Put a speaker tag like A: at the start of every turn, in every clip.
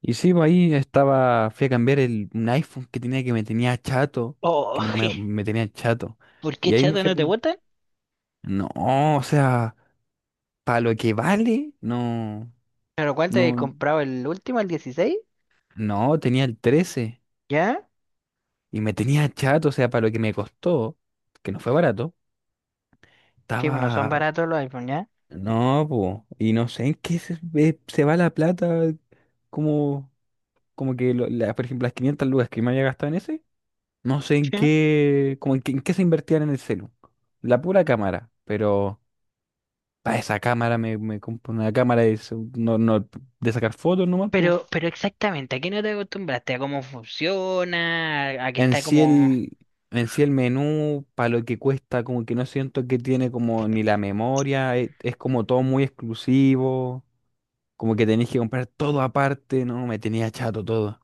A: Y sí, pues ahí estaba, fui a cambiar un iPhone que tenía que me tenía chato,
B: Oh,
A: que me, me, me tenía chato.
B: ¿por qué
A: Y ahí me
B: chato
A: fui a...
B: no te
A: com-
B: gustan?
A: No, o sea, para lo que vale, no,
B: ¿Pero cuál te he
A: no,
B: comprado? ¿El último, el 16?
A: no, tenía el 13
B: ¿Ya?
A: y me tenía chato, o sea, para lo que me costó, que no fue barato,
B: Sí, bueno, son
A: estaba.
B: baratos los iPhone, ¿ya?
A: No, pues, y no sé en qué se va la plata, como, como que, por ejemplo, las 500 lucas que me había gastado en ese. No sé en
B: Sí.
A: qué, como en qué, en qué se invertían en el celu. La pura cámara, pero para esa cámara me compro una cámara de, no, no, de sacar fotos nomás, po.
B: Pero exactamente, ¿a qué no te acostumbraste? ¿A cómo funciona? ¿A que
A: En
B: está
A: sí
B: como?
A: el, en sí el menú, para lo que cuesta, como que no siento que tiene como ni la memoria, es, como todo muy exclusivo, como que tenéis que comprar todo aparte, no, me tenía chato todo.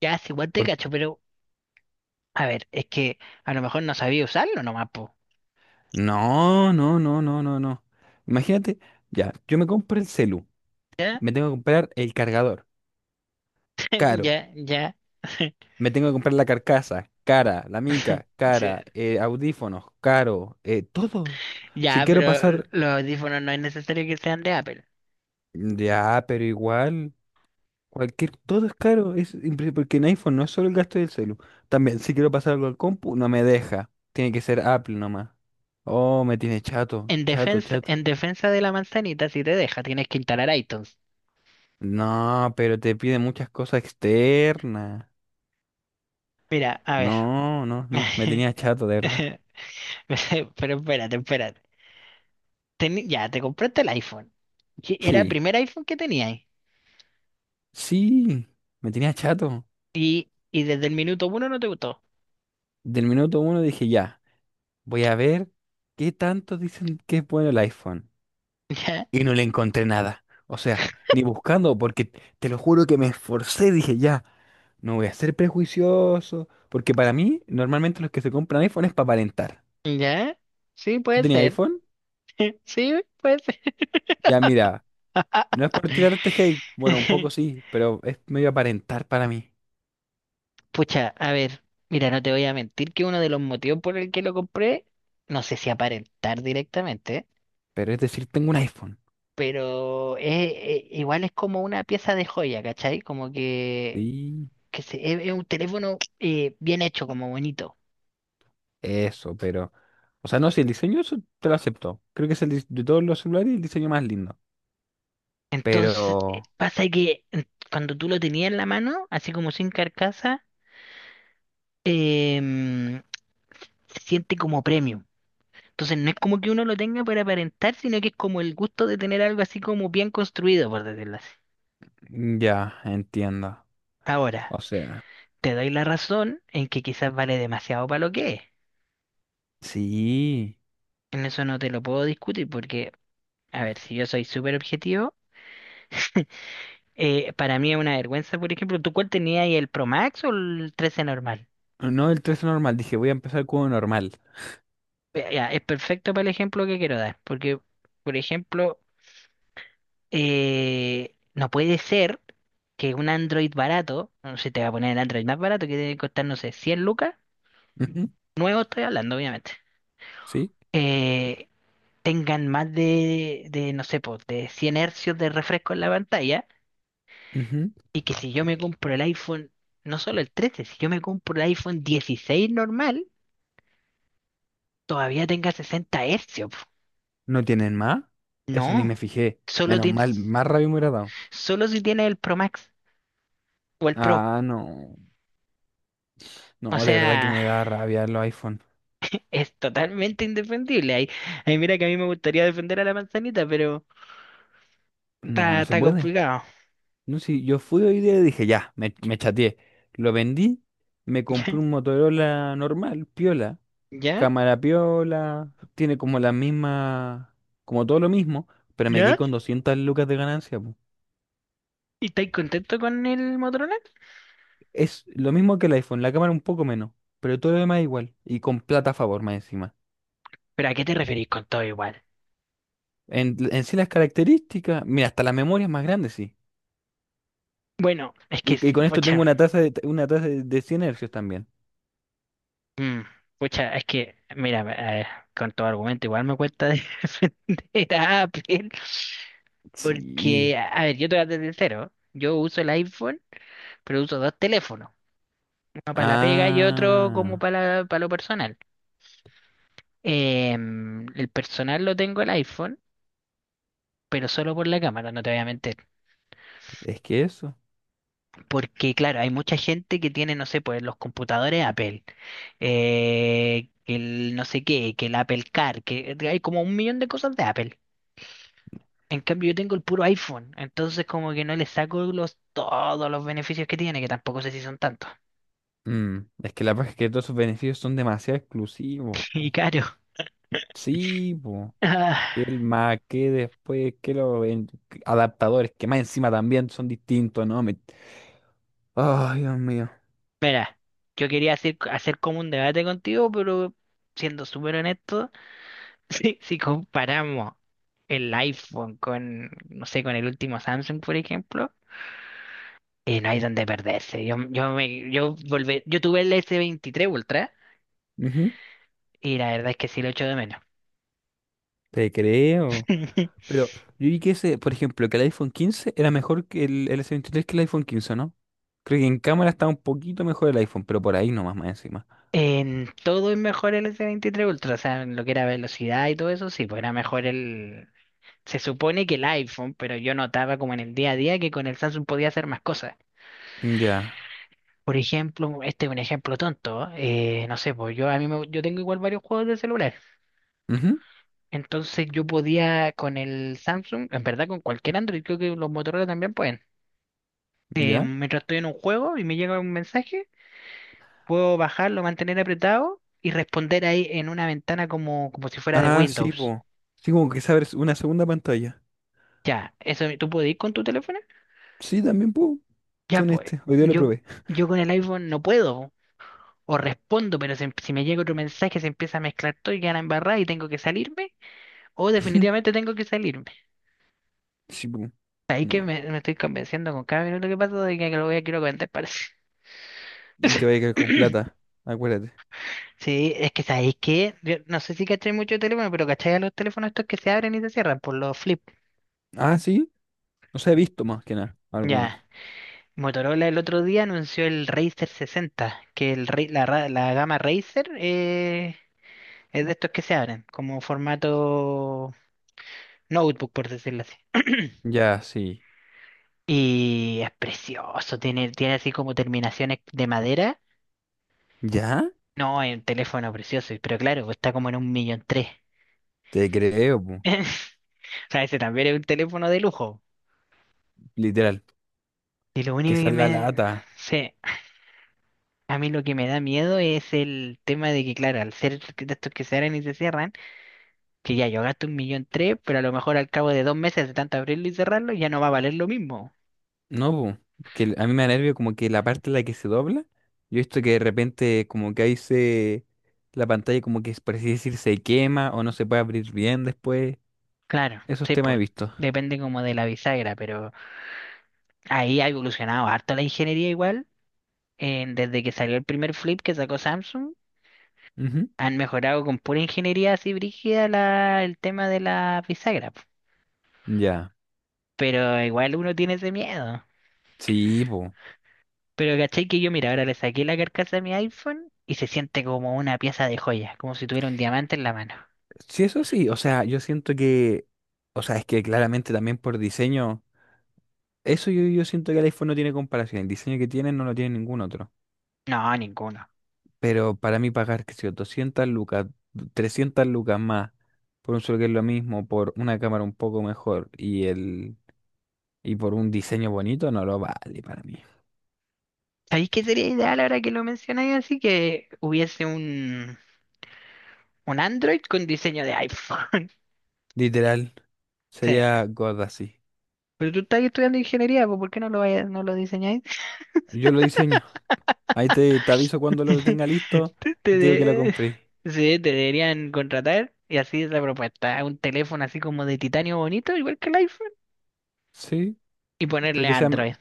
B: Ya, sí, igual te
A: Por-
B: cacho, pero. A ver, es que a lo mejor no sabía usarlo nomás, po.
A: No, no, no, no, no, no. Imagínate, ya, yo me compro el celu,
B: ¿Ya?
A: me tengo que comprar el cargador, caro.
B: Ya, ya.
A: Me tengo que comprar la carcasa, cara, la mica,
B: Sí.
A: cara, audífonos, caro, todo. Si
B: Ya,
A: quiero
B: pero
A: pasar,
B: los audífonos no es necesario que sean de Apple.
A: ya, pero igual, cualquier, todo es caro, porque en iPhone no es solo el gasto del celu. También, si quiero pasar algo al compu, no me deja. Tiene que ser Apple nomás. Oh, me tiene chato, chato, chato.
B: En defensa de la manzanita, si te deja, tienes que instalar iTunes.
A: No, pero te pide muchas cosas externas.
B: Mira, a ver.
A: No, no, no, me tenía chato, de verdad.
B: Pero espérate, espérate. Ya, te compraste el iPhone. Que Era el
A: Sí,
B: primer iPhone que tenías.
A: sí, me tenía chato.
B: Y desde el minuto uno no te gustó.
A: Del minuto uno dije ya. Voy a ver qué tanto dicen que es bueno el iPhone.
B: Ya,
A: Y no le encontré nada. O sea, ni buscando, porque te lo juro que me esforcé. Dije, ya, no voy a ser prejuicioso. Porque para mí, normalmente los que se compran iPhone es para aparentar.
B: ya. Sí,
A: ¿Tú
B: puede
A: tenías
B: ser.
A: iPhone?
B: Sí, puede ser.
A: Ya, mira, no es por tirarte hate. Bueno, un poco sí, pero es medio aparentar para mí.
B: Pucha, a ver. Mira, no te voy a mentir que uno de los motivos por el que lo compré, no sé si aparentar directamente,
A: Pero es decir, tengo un iPhone.
B: pero igual es como una pieza de joya, ¿cachai? Como que,
A: Sí,
B: es un teléfono bien hecho, como bonito.
A: eso, pero. O sea, no, si el diseño eso te lo acepto. Creo que es el de todos los celulares el diseño más lindo.
B: Entonces,
A: Pero.
B: pasa que cuando tú lo tenías en la mano, así como sin carcasa, em, se siente como premium. Entonces, no es como que uno lo tenga para aparentar, sino que es como el gusto de tener algo así como bien construido, por decirlo así.
A: Mm, ya, entiendo.
B: Ahora,
A: O sea,
B: te doy la razón en que quizás vale demasiado para lo que es.
A: sí.
B: En eso no te lo puedo discutir porque, a ver, si yo soy súper objetivo, para mí es una vergüenza, por ejemplo, ¿tú cuál tenías ahí, el Pro Max o el 13 normal?
A: Oh, no, el tres normal. Dije, voy a empezar con uno normal.
B: Ya, es perfecto para el ejemplo que quiero dar, porque, por ejemplo, no puede ser que un Android barato, no sé, te va a poner el Android más barato que debe costar, no sé, 100 lucas,
A: Ujú.
B: nuevo estoy hablando, obviamente,
A: ¿Sí?
B: eh, tengan más de, no sé, pues, de 100 hercios de refresco en la pantalla,
A: Ujú.
B: y que si yo me compro el iPhone, no solo el 13 si yo me compro el iPhone 16 normal, todavía tenga 60 hercios. Po.
A: ¿No tienen más? Eso ni me
B: No,
A: fijé.
B: solo
A: Menos mal,
B: tienes,
A: más rabia me hubiera dado.
B: solo si tienes el Pro Max. O el Pro.
A: Ah, no.
B: O
A: No, de verdad que
B: sea,
A: me da rabia los iPhone.
B: es totalmente indefendible. Ahí mira que a mí me gustaría defender a la manzanita, pero
A: No,
B: está,
A: no se
B: está
A: puede.
B: complicado.
A: No, si yo fui hoy día y dije, ya, me chateé. Lo vendí, me compré
B: ¿Ya?
A: un Motorola normal, piola.
B: ¿Ya?
A: Cámara piola, tiene como la misma, como todo lo mismo, pero me quedé
B: ¿Ya?
A: con 200 lucas de ganancia, po.
B: ¿Y estáis contento con el Motorola?
A: Es lo mismo que el iPhone, la cámara un poco menos, pero todo lo demás es igual y con plata a favor más encima.
B: ¿Pero a qué te referís con todo igual?
A: En sí las características, mira, hasta la memoria es más grande, sí.
B: Bueno, es que,
A: Y con esto tengo
B: pocha,
A: una tasa de 100 hercios también.
B: mm, pocha, es que, mira, con todo argumento igual me cuesta defender a Apple.
A: Sí.
B: Porque, a ver, yo te voy a ser sincero. Yo uso el iPhone, pero uso dos teléfonos. Uno para la pega y otro como
A: Ah,
B: para, para lo personal. El personal lo tengo el iPhone, pero solo por la cámara, no te voy a mentir.
A: es que eso.
B: Porque, claro, hay mucha gente que tiene, no sé, pues los computadores Apple, que el no sé qué, que el Apple Car, que hay como un millón de cosas de Apple. En cambio, yo tengo el puro iPhone, entonces como que no le saco todos los beneficios que tiene, que tampoco sé si son tantos.
A: Mm, es que la verdad es que todos sus beneficios son demasiado exclusivos,
B: Y
A: po.
B: caro.
A: Sí, po.
B: Ah,
A: El Mac, que después, que los adaptadores, que más encima también son distintos, ¿no? Ay, Dios mío.
B: Mira, yo quería hacer como un debate contigo, pero siendo súper honesto. Si comparamos el iPhone con, no sé, con el último Samsung, por ejemplo, no hay donde perderse. Yo, me, yo, volvé yo tuve el S23 Ultra
A: Ujú,
B: y la verdad es que sí lo echo de menos.
A: te creo. Pero yo vi que ese, por ejemplo, que el iPhone 15 era mejor que el S23 que el iPhone 15, ¿no? Creo que en cámara está un poquito mejor el iPhone, pero por ahí nomás más encima.
B: En todo es mejor el S23 Ultra, o sea, en lo que era velocidad y todo eso, sí, pues era mejor el. Se supone que el iPhone, pero yo notaba como en el día a día que con el Samsung podía hacer más cosas.
A: Ya.
B: Por ejemplo, este es un ejemplo tonto, ¿eh? No sé, pues yo a mí me- yo tengo igual varios juegos de celular.
A: Ujú,
B: Entonces yo podía con el Samsung, en verdad con cualquier Android, creo que los Motorola también pueden. Eh,
A: ya.
B: mientras estoy en un juego y me llega un mensaje, puedo bajarlo, mantener apretado y responder ahí en una ventana como si fuera de
A: Ah, sí,
B: Windows.
A: po. Sí, como que sabes una segunda pantalla.
B: Ya, eso tú puedes ir con tu teléfono.
A: Sí, también, po.
B: Ya
A: Con
B: pues,
A: este. Hoy día lo
B: yo,
A: probé.
B: yo con el iPhone no puedo. O respondo, pero si me llega otro mensaje se empieza a mezclar todo y queda embarrada y tengo que salirme. O definitivamente tengo que salirme.
A: Sí, po.
B: Ahí que me,
A: No.
B: me estoy convenciendo con cada minuto que pasa de que lo voy a quiero vender, parece.
A: Y te voy a quedar con plata. Acuérdate.
B: Sí, es que sabéis que, no sé si cacháis mucho de teléfono, pero cacháis a los teléfonos estos que se abren y se cierran por los flip.
A: Ah, sí. No sé, he visto más que nada
B: Ya,
A: algunas.
B: Motorola el otro día anunció el Razer 60, que el, ra- la gama Razer, es de estos que se abren, como formato notebook, por decirlo así.
A: Ya, sí.
B: Y es precioso, tiene así como terminaciones de madera.
A: ¿Ya?
B: No, es un teléfono precioso, pero claro, está como en un millón tres.
A: Te creo, po.
B: O sea, ese también es un teléfono de lujo.
A: Literal.
B: Y lo
A: Que
B: único
A: esa
B: que
A: es la
B: me...
A: lata.
B: sé, a mí lo que me da miedo es el tema de que, claro, al ser de estos que se abren y se cierran, que ya yo gasto un millón tres, pero a lo mejor al cabo de 2 meses de tanto abrirlo y cerrarlo ya no va a valer lo mismo.
A: No, po. Porque a mí me da nervio como que la parte en la que se dobla. Yo he visto que de repente como que ahí se. La pantalla como que, por así decir, se quema o no se puede abrir bien después.
B: Claro,
A: Esos
B: sí,
A: temas he
B: pues
A: visto.
B: depende como de la bisagra, pero ahí ha evolucionado harto la ingeniería igual. Desde que salió el primer flip que sacó Samsung,
A: Ujú.
B: han mejorado con pura ingeniería así brígida el tema de la bisagra. Po.
A: Ya.
B: Pero igual uno tiene ese miedo.
A: Sí, po.
B: Pero caché que yo, mira, ahora le saqué la carcasa a mi iPhone y se siente como una pieza de joya, como si tuviera un diamante en la mano.
A: Sí, eso sí. O sea, yo siento que. O sea, es que claramente también por diseño. Eso yo siento que el iPhone no tiene comparación. El diseño que tiene no lo tiene ningún otro.
B: No, ninguno.
A: Pero para mí pagar, qué sé yo, 200 lucas, 300 lucas más por un solo que es lo mismo, por una cámara un poco mejor y por un diseño bonito, no lo vale para mí.
B: ¿Sabéis qué sería ideal ahora que lo mencionáis así? Que hubiese un Android con diseño de iPhone.
A: Literal,
B: Sí.
A: sería God así.
B: Pero tú estás estudiando ingeniería, pues ¿por qué no lo diseñáis?
A: Yo lo diseño. Ahí te aviso cuando lo tenga listo
B: Te,
A: y
B: te
A: te digo que lo
B: de-
A: compré.
B: Sí, te deberían contratar y así es la propuesta. Un teléfono así como de titanio bonito, igual que el iPhone,
A: Sí,
B: y
A: pero
B: ponerle
A: que sea
B: Android.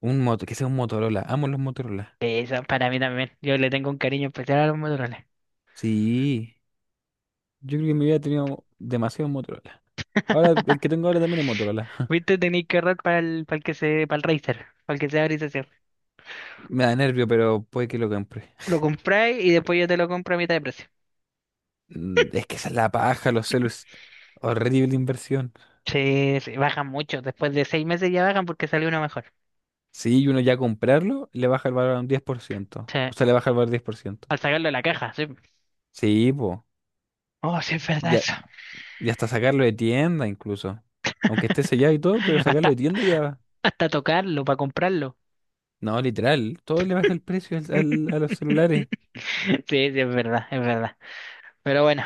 A: un moto, que sea un Motorola. Amo los Motorola.
B: Esa para mí también. Yo le tengo un cariño especial a los Motorola.
A: Sí, yo creo que en mi vida he tenido demasiados Motorola. Ahora, el que tengo ahora también es Motorola.
B: ¿Viste? Tenéis que ahorrar para el Razer, para el que sea grisáceo.
A: Me da nervio, pero puede que lo compre.
B: Lo compráis y después yo te lo compro a mitad de precio.
A: Es que esa es la paja, los celus. Horrible inversión.
B: Sí, sí, bajan mucho. Después de 6 meses ya bajan porque salió uno mejor.
A: Sí, y uno ya comprarlo, le baja el valor a un 10%.
B: Sí,
A: O sea, le baja el valor 10%.
B: al sacarlo de la caja, sí.
A: Sí, po.
B: Oh, sí, es verdad
A: Ya,
B: eso.
A: ya hasta sacarlo de tienda incluso. Aunque esté sellado y todo, pero sacarlo de
B: Hasta,
A: tienda ya.
B: hasta tocarlo para comprarlo.
A: No, literal, todo le baja el precio a los celulares.
B: Sí, sí, es verdad, es verdad. Pero bueno,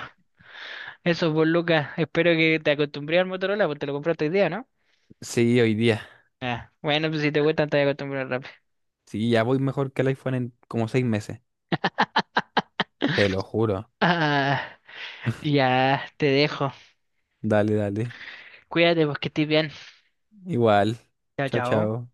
B: eso pues Lucas, espero que te acostumbré al Motorola, porque te lo compraste hoy día, ¿no?
A: Sí, hoy día.
B: Ah, bueno, pues si te gustan te voy a acostumbrar rápido.
A: Sí, ya voy mejor que el iPhone en como 6 meses. Te lo juro.
B: Ah. Ya te dejo.
A: Dale, dale.
B: Cuídate, pues que estés bien.
A: Igual.
B: Chao,
A: Chao,
B: chao.
A: chao.